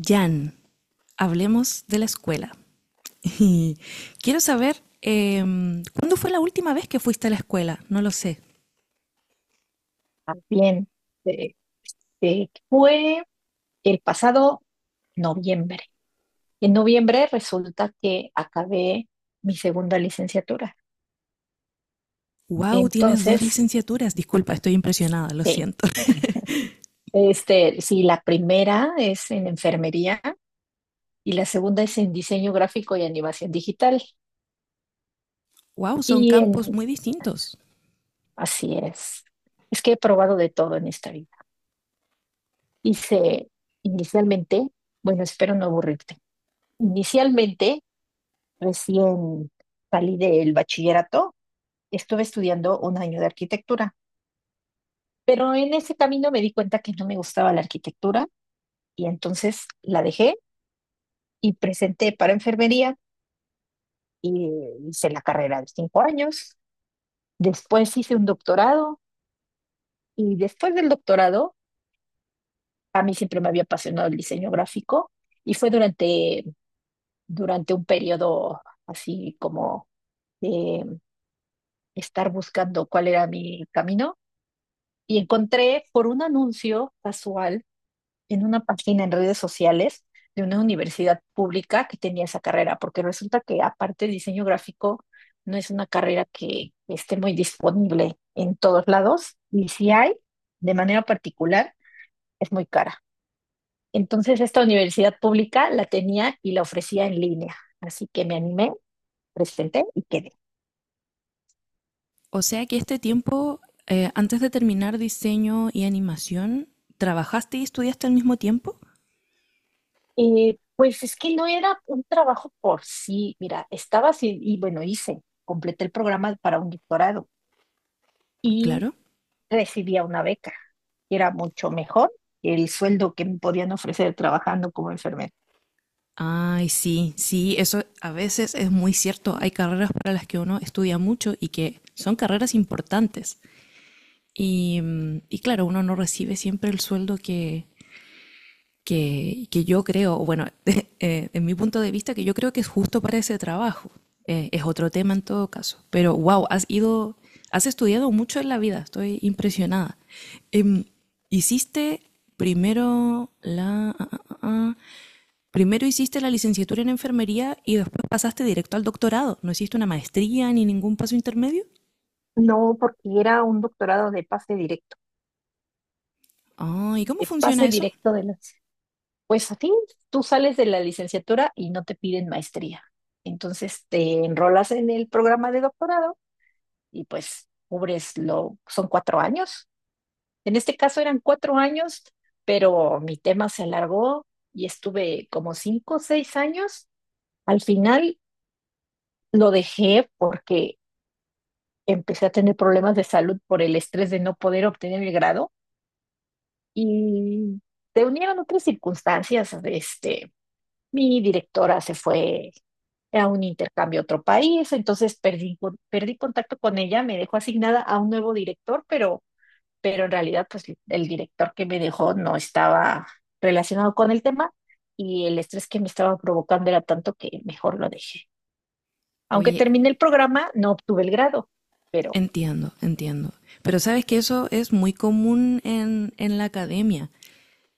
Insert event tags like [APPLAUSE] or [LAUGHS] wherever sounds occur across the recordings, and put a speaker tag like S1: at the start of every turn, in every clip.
S1: Jan, hablemos de la escuela. [LAUGHS] Quiero saber, ¿cuándo fue la última vez que fuiste a la escuela? No lo sé.
S2: Bien, eh, fue el pasado noviembre. En noviembre resulta que acabé mi segunda licenciatura.
S1: Wow, tienes dos
S2: Entonces,
S1: licenciaturas. Disculpa, estoy impresionada, lo
S2: sí,
S1: siento. [LAUGHS]
S2: sí, la primera es en enfermería y la segunda es en diseño gráfico y animación digital.
S1: Wow, son
S2: Y
S1: campos
S2: en,
S1: muy distintos.
S2: Así es. Es que he probado de todo en esta vida. Hice inicialmente, bueno, espero no aburrirte. Inicialmente Recién salí del bachillerato, estuve estudiando un año de arquitectura, pero en ese camino me di cuenta que no me gustaba la arquitectura y entonces la dejé y presenté para enfermería y hice la carrera de 5 años. Después hice un doctorado y después del doctorado a mí siempre me había apasionado el diseño gráfico y fue durante un periodo así como de estar buscando cuál era mi camino y encontré por un anuncio casual en una página en redes sociales de una universidad pública que tenía esa carrera, porque resulta que aparte de diseño gráfico no es una carrera que esté muy disponible en todos lados y si hay, de manera particular, es muy cara. Entonces esta universidad pública la tenía y la ofrecía en línea, así que me animé, presenté y quedé.
S1: O sea que este tiempo, antes de terminar diseño y animación, ¿trabajaste y estudiaste al mismo tiempo?
S2: Pues es que no era un trabajo por sí, mira, estaba así y bueno, hice, completé el programa para un doctorado y
S1: Claro.
S2: recibía una beca, que era mucho mejor que el sueldo que me podían ofrecer trabajando como enfermera.
S1: Ay, sí, sí, eso a veces es muy cierto. Hay carreras para las que uno estudia mucho y que son carreras importantes. Y, y claro, uno no recibe siempre el sueldo que, que yo creo, bueno, [LAUGHS] en mi punto de vista, que yo creo que es justo para ese trabajo. Es otro tema en todo caso. Pero wow, has estudiado mucho en la vida, estoy impresionada. Em, hiciste primero la... ah, ah, ah, ah, Primero hiciste la licenciatura en enfermería y después pasaste directo al doctorado. ¿No hiciste una maestría ni ningún paso intermedio?
S2: No, porque era un doctorado de pase directo,
S1: Ah, ¿y cómo
S2: de
S1: funciona
S2: pase
S1: eso?
S2: directo de las... Pues a ti, tú sales de la licenciatura y no te piden maestría. Entonces te enrolas en el programa de doctorado y pues son 4 años. En este caso eran 4 años, pero mi tema se alargó y estuve como 5 o 6 años. Al final lo dejé porque empecé a tener problemas de salud por el estrés de no poder obtener el grado y se unieron otras circunstancias. Mi directora se fue a un intercambio a otro país, entonces perdí contacto con ella, me dejó asignada a un nuevo director, pero en realidad pues el director que me dejó no estaba relacionado con el tema y el estrés que me estaba provocando era tanto que mejor lo dejé. Aunque
S1: Oye.
S2: terminé el programa, no obtuve el grado, pero...
S1: Entiendo, entiendo. Pero sabes que eso es muy común en la academia.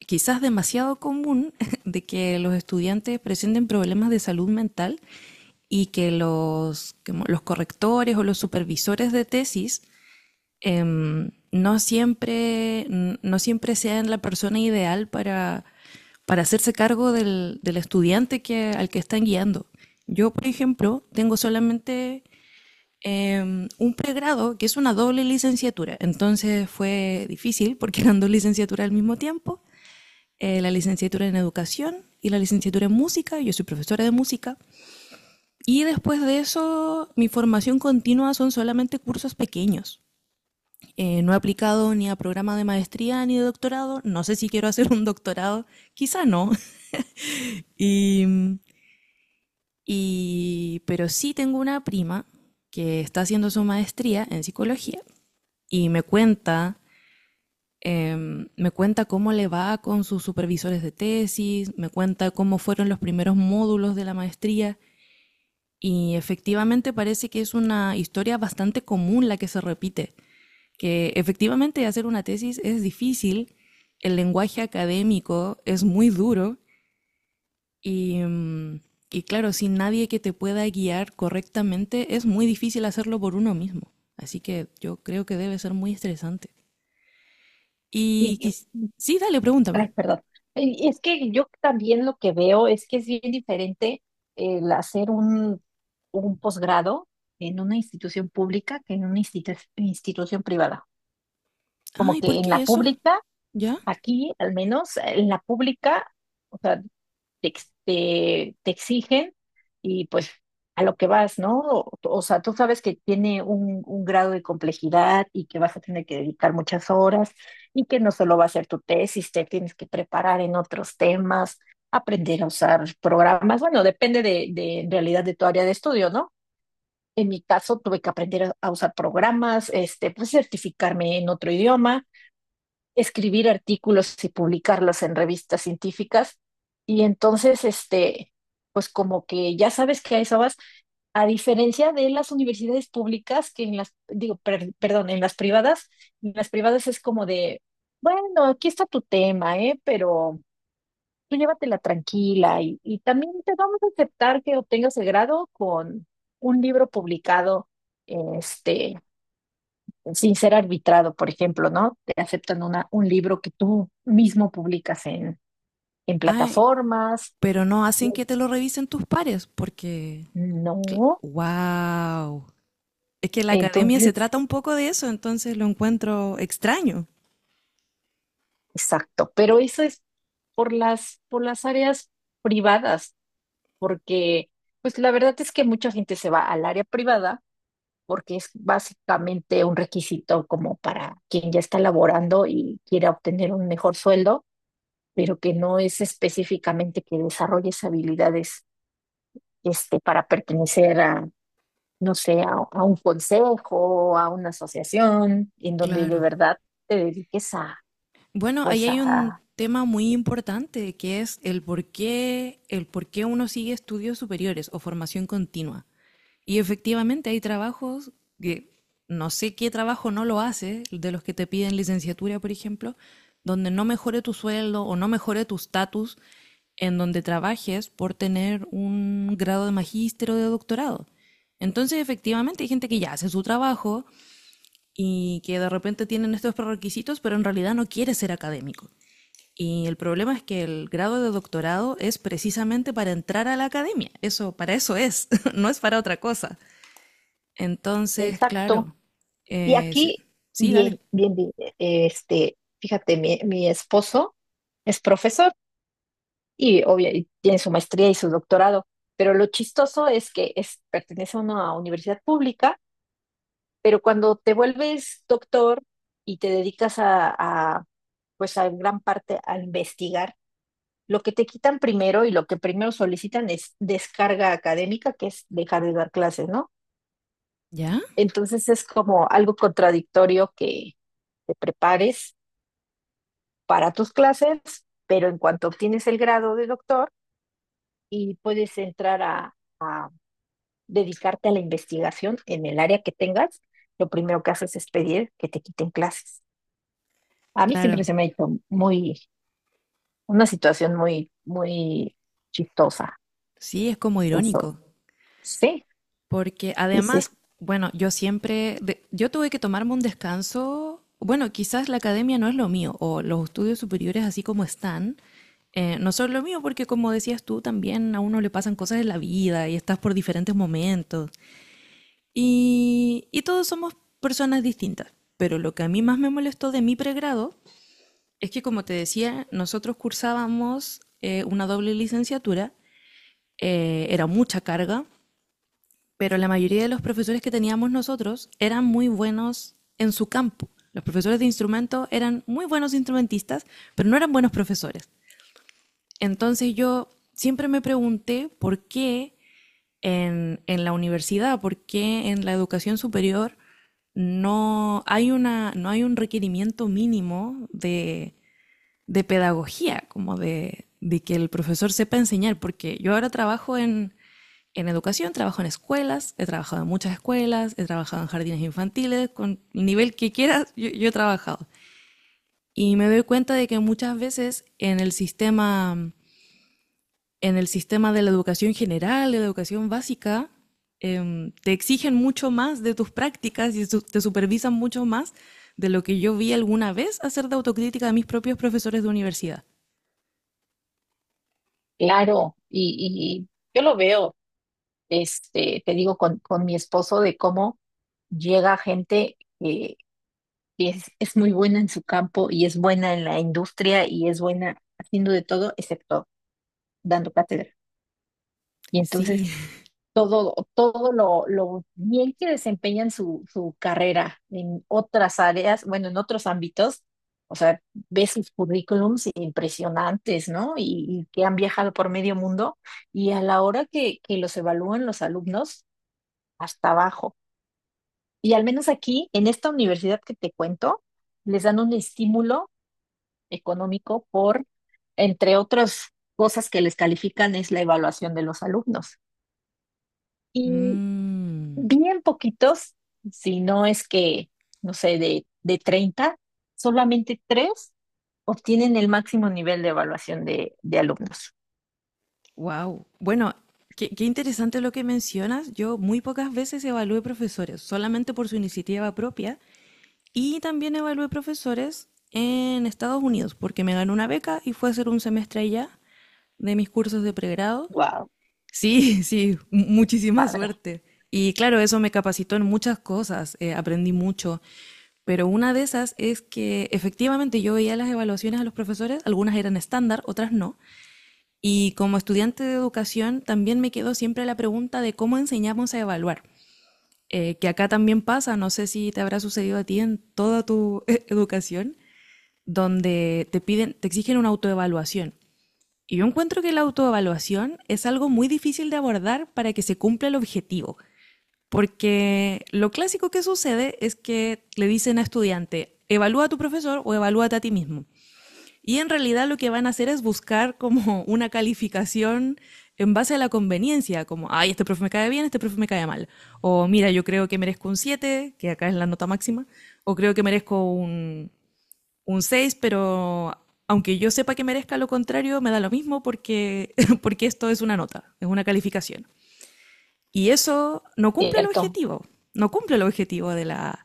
S1: Quizás demasiado común [LAUGHS] de que los estudiantes presenten problemas de salud mental y que los correctores o los supervisores de tesis no siempre sean la persona ideal para, hacerse cargo del estudiante que, al que están guiando. Yo, por ejemplo, tengo solamente un pregrado que es una doble licenciatura. Entonces fue difícil porque eran dos licenciaturas al mismo tiempo, la licenciatura en educación y la licenciatura en música, yo soy profesora de música, y después de eso mi formación continua son solamente cursos pequeños. No he aplicado ni a programa de maestría ni de doctorado, no sé si quiero [LAUGHS] hacer un doctorado, quizá no, y, pero sí tengo una prima que está haciendo su maestría en psicología y me cuenta cómo le va con sus supervisores de tesis, me cuenta cómo fueron los primeros módulos de la maestría y efectivamente parece que es una historia bastante común la que se repite, que efectivamente hacer una tesis es difícil, el lenguaje académico es muy duro y, mm, y claro, sin nadie que te pueda guiar correctamente es muy difícil hacerlo por uno mismo. Así que yo creo que debe ser muy estresante.
S2: y-
S1: Y
S2: y-
S1: quis- sí, dale, pregúntame.
S2: Ay, perdón. Y es que yo también lo que veo es que es bien diferente el hacer un posgrado en una institución pública que en una institución privada. Como
S1: Ay, ¿por
S2: que en
S1: qué
S2: la
S1: eso?
S2: pública,
S1: ¿Ya?
S2: aquí al menos, en la pública... O sea, te exigen y pues a lo que vas, ¿no? O sea, tú sabes que tiene un grado de complejidad y que vas a tener que dedicar muchas horas y que no solo va a ser tu tesis, te tienes que preparar en otros temas, aprender a usar programas. Bueno, depende de en realidad de tu área de estudio, ¿no? En mi caso, tuve que aprender a usar programas, pues certificarme en otro idioma, escribir artículos y publicarlos en revistas científicas. Y entonces, pues como que ya sabes que a eso vas, a diferencia de las universidades públicas, que en las, digo, perdón, en las privadas, es como de, bueno, aquí está tu tema, ¿eh? Pero tú llévatela tranquila y también te vamos a aceptar que obtengas el grado con un libro publicado, este sin ser arbitrado, por ejemplo, ¿no? Te aceptan un libro que tú mismo publicas en,
S1: Ay,
S2: plataformas.
S1: pero no
S2: y
S1: hacen que te lo revisen tus pares, porque...
S2: No,
S1: ¡Wow! Es que la academia se
S2: entonces,
S1: trata un poco de eso, entonces lo encuentro extraño.
S2: exacto. Pero eso es por las áreas privadas, porque pues la verdad es que mucha gente se va al área privada porque es básicamente un requisito como para quien ya está laborando y quiera obtener un mejor sueldo, pero que no es específicamente que desarrolles habilidades, para pertenecer a, no sé, a un consejo, a una asociación, en donde de
S1: Claro.
S2: verdad te dediques a,
S1: Bueno, ahí
S2: pues
S1: hay un
S2: a...
S1: tema muy importante que es el por qué uno sigue estudios superiores o formación continua. Y efectivamente hay trabajos que no sé qué trabajo no lo hace, de los que te piden licenciatura, por ejemplo, donde no mejore tu sueldo o no mejore tu estatus en donde trabajes por tener un grado de magíster o de doctorado. Entonces, efectivamente, hay gente que ya hace su trabajo, y que de repente tienen estos prerequisitos, pero en realidad no quiere ser académico. Y el problema es que el grado de doctorado es precisamente para entrar a la academia. Eso, para eso es, [LAUGHS] no es para otra cosa. Entonces,
S2: Exacto.
S1: claro.
S2: Y
S1: Sí,
S2: aquí,
S1: sí, dale.
S2: bien, bien, bien, fíjate, mi esposo es profesor y obviamente tiene su maestría y su doctorado, pero lo chistoso es que es, pertenece a una universidad pública, pero cuando te vuelves doctor y te dedicas a, pues a gran parte a investigar. Lo que te quitan primero y lo que primero solicitan es descarga académica, que es dejar de dar clases, ¿no?
S1: ¿Ya?
S2: Entonces es como algo contradictorio que te prepares para tus clases, pero en cuanto obtienes el grado de doctor y puedes entrar a dedicarte a la investigación en el área que tengas, lo primero que haces es pedir que te quiten clases. A mí
S1: Claro.
S2: siempre se me ha hecho muy, una situación muy, muy chistosa,
S1: Sí, es como
S2: eso.
S1: irónico.
S2: Sí,
S1: Porque
S2: sí, sí,
S1: además, bueno, yo tuve que tomarme un descanso. Bueno, quizás la academia no es lo mío, o los estudios superiores así como están, no son lo mío, porque como decías tú, también a uno le pasan cosas en la vida y estás por diferentes momentos. Y todos somos personas distintas. Pero lo que a mí más me molestó de mi pregrado es que, como te decía, nosotros cursábamos una doble licenciatura, era mucha carga, pero la mayoría de los profesores que teníamos nosotros eran muy buenos en su campo. Los profesores de instrumento eran muy buenos instrumentistas, pero no eran buenos profesores. Entonces yo siempre me pregunté por qué en la universidad, por qué en la educación superior no hay un requerimiento mínimo de, pedagogía, como de que el profesor sepa enseñar, porque yo ahora trabajo en educación, trabajo en escuelas, he trabajado en muchas escuelas, he trabajado en jardines infantiles, con el nivel que quieras, yo he trabajado. Y me doy cuenta de que muchas veces en el sistema de la educación general, de la educación básica, te exigen mucho más de tus prácticas te supervisan mucho más de lo que yo vi alguna vez hacer de autocrítica de mis propios profesores de universidad.
S2: claro, y, yo lo veo, te digo, con, mi esposo de cómo llega gente que es muy buena en su campo y es buena en la industria y es buena haciendo de todo excepto dando cátedra. Y entonces
S1: Sí. [LAUGHS]
S2: todo lo bien que desempeñan su carrera en otras áreas, bueno, en otros ámbitos. O sea, ves sus currículums impresionantes, ¿no? Y, que han viajado por medio mundo y a la hora que los evalúan los alumnos, hasta abajo. Y al menos aquí, en esta universidad que te cuento, les dan un estímulo económico entre otras cosas que les califican, es la evaluación de los alumnos.
S1: Mm.
S2: Bien poquitos, si no es que, no sé, de, 30 solamente tres obtienen el máximo nivel de evaluación de, alumnos.
S1: Wow. Bueno, qué interesante lo que mencionas. Yo muy pocas veces evalué profesores, solamente por su iniciativa propia. Y también evalué profesores en Estados Unidos, porque me ganó una beca y fue a hacer un semestre allá de mis cursos de pregrado.
S2: Wow.
S1: Sí, [LAUGHS] sí, muchísima
S2: Padre,
S1: suerte. Y claro, eso me capacitó en muchas cosas, aprendí mucho. Pero una de esas es que efectivamente yo veía las evaluaciones a los profesores, algunas eran estándar, otras no. Y como estudiante de educación también me quedó siempre la pregunta de cómo enseñamos a evaluar, que acá también pasa, no sé si te habrá sucedido a ti en toda tu [LAUGHS] educación, donde te piden, te exigen una autoevaluación. Y yo encuentro que la autoevaluación es algo muy difícil de abordar para que se cumpla el objetivo, porque lo clásico que sucede es que le dicen a estudiante, evalúa a tu profesor o evalúate a ti mismo. Y en realidad lo que van a hacer es buscar como una calificación en base a la conveniencia, como, ay, este profe me cae bien, este profe me cae mal. O mira, yo creo que merezco un 7 que acá es la nota máxima, o creo que merezco un 6 pero aunque yo sepa que merezca lo contrario, me da lo mismo porque, [LAUGHS] porque esto es una nota, es una calificación. Y eso no cumple el
S2: cierto.
S1: objetivo, no cumple el objetivo de la,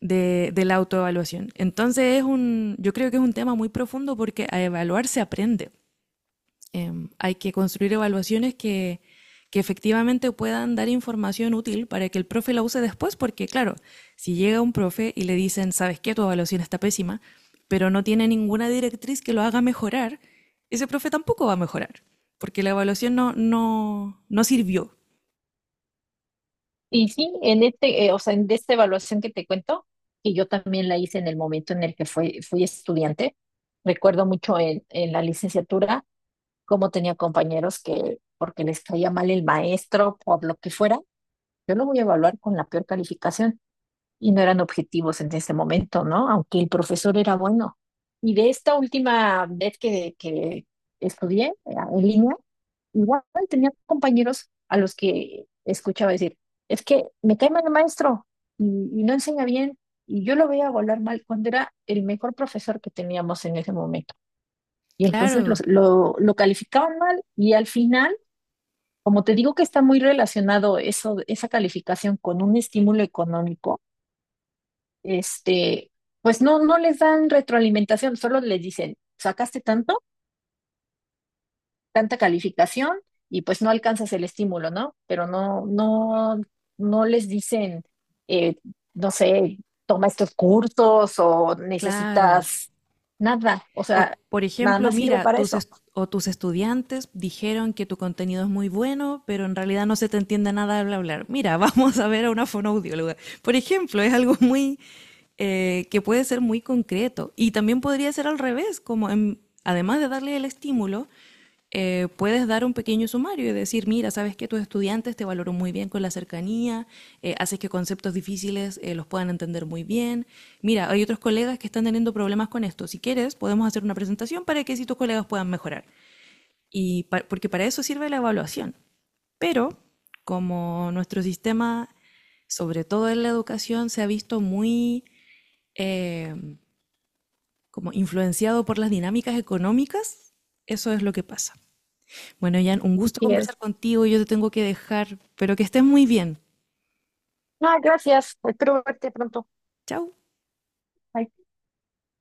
S1: de la autoevaluación. Entonces yo creo que es un tema muy profundo porque a evaluar se aprende. Eh, Hay que construir evaluaciones que, efectivamente puedan dar información útil para que el profe la use después, porque claro, si llega un profe y le dicen, sabes qué, tu evaluación está pésima, pero no tiene ninguna directriz que lo haga mejorar, ese profe tampoco va a mejorar, porque la evaluación no, no sirvió.
S2: Y sí, en o sea, en de esta evaluación que te cuento, que yo también la hice en el momento en el que fui, fui estudiante, recuerdo mucho en la licenciatura cómo tenía compañeros que, porque les caía mal el maestro, por lo que fuera, yo lo voy a evaluar con la peor calificación. Y no eran objetivos en ese momento, ¿no? Aunque el profesor era bueno. Y de esta última vez que estudié, en línea, igual tenía compañeros a los que escuchaba decir, es que me cae mal el maestro y, no enseña bien y yo lo veía volar mal cuando era el mejor profesor que teníamos en ese momento. Y entonces
S1: Claro,
S2: lo calificaban mal y al final, como te digo que está muy relacionado eso, esa calificación con un estímulo económico, este, pues no les dan retroalimentación, solo les dicen, sacaste tanto, tanta calificación y pues no alcanzas el estímulo, ¿no? Pero no, no, no les dicen, eh, no sé, toma estos cursos o
S1: claro.
S2: necesitas nada, o
S1: O,
S2: sea,
S1: por
S2: nada
S1: ejemplo,
S2: más sirve
S1: mira,
S2: para eso.
S1: o tus estudiantes dijeron que tu contenido es muy bueno, pero en realidad no se te entiende nada de hablar. Mira, [LAUGHS] vamos a ver a una fonoaudióloga. Por ejemplo, es algo muy que puede ser muy concreto. Y también podría ser al revés, como además de darle el estímulo, puedes dar un pequeño sumario y decir, mira, sabes que tus estudiantes te valoran muy bien con la cercanía, haces que conceptos difíciles los puedan entender muy bien. Mira, hay otros colegas que están teniendo problemas con esto. Si quieres, podemos hacer una presentación para que si tus colegas puedan mejorar. Y pa porque para eso sirve la evaluación. Pero como nuestro sistema, sobre todo en la educación, se ha visto muy eh, como influenciado por las dinámicas económicas, eso es lo que pasa. Bueno, Jan, un gusto
S2: Y
S1: conversar
S2: es,
S1: contigo. Yo te tengo que dejar, pero que estés muy bien.
S2: ah, gracias, espero verte pronto.
S1: Chao.
S2: Bye.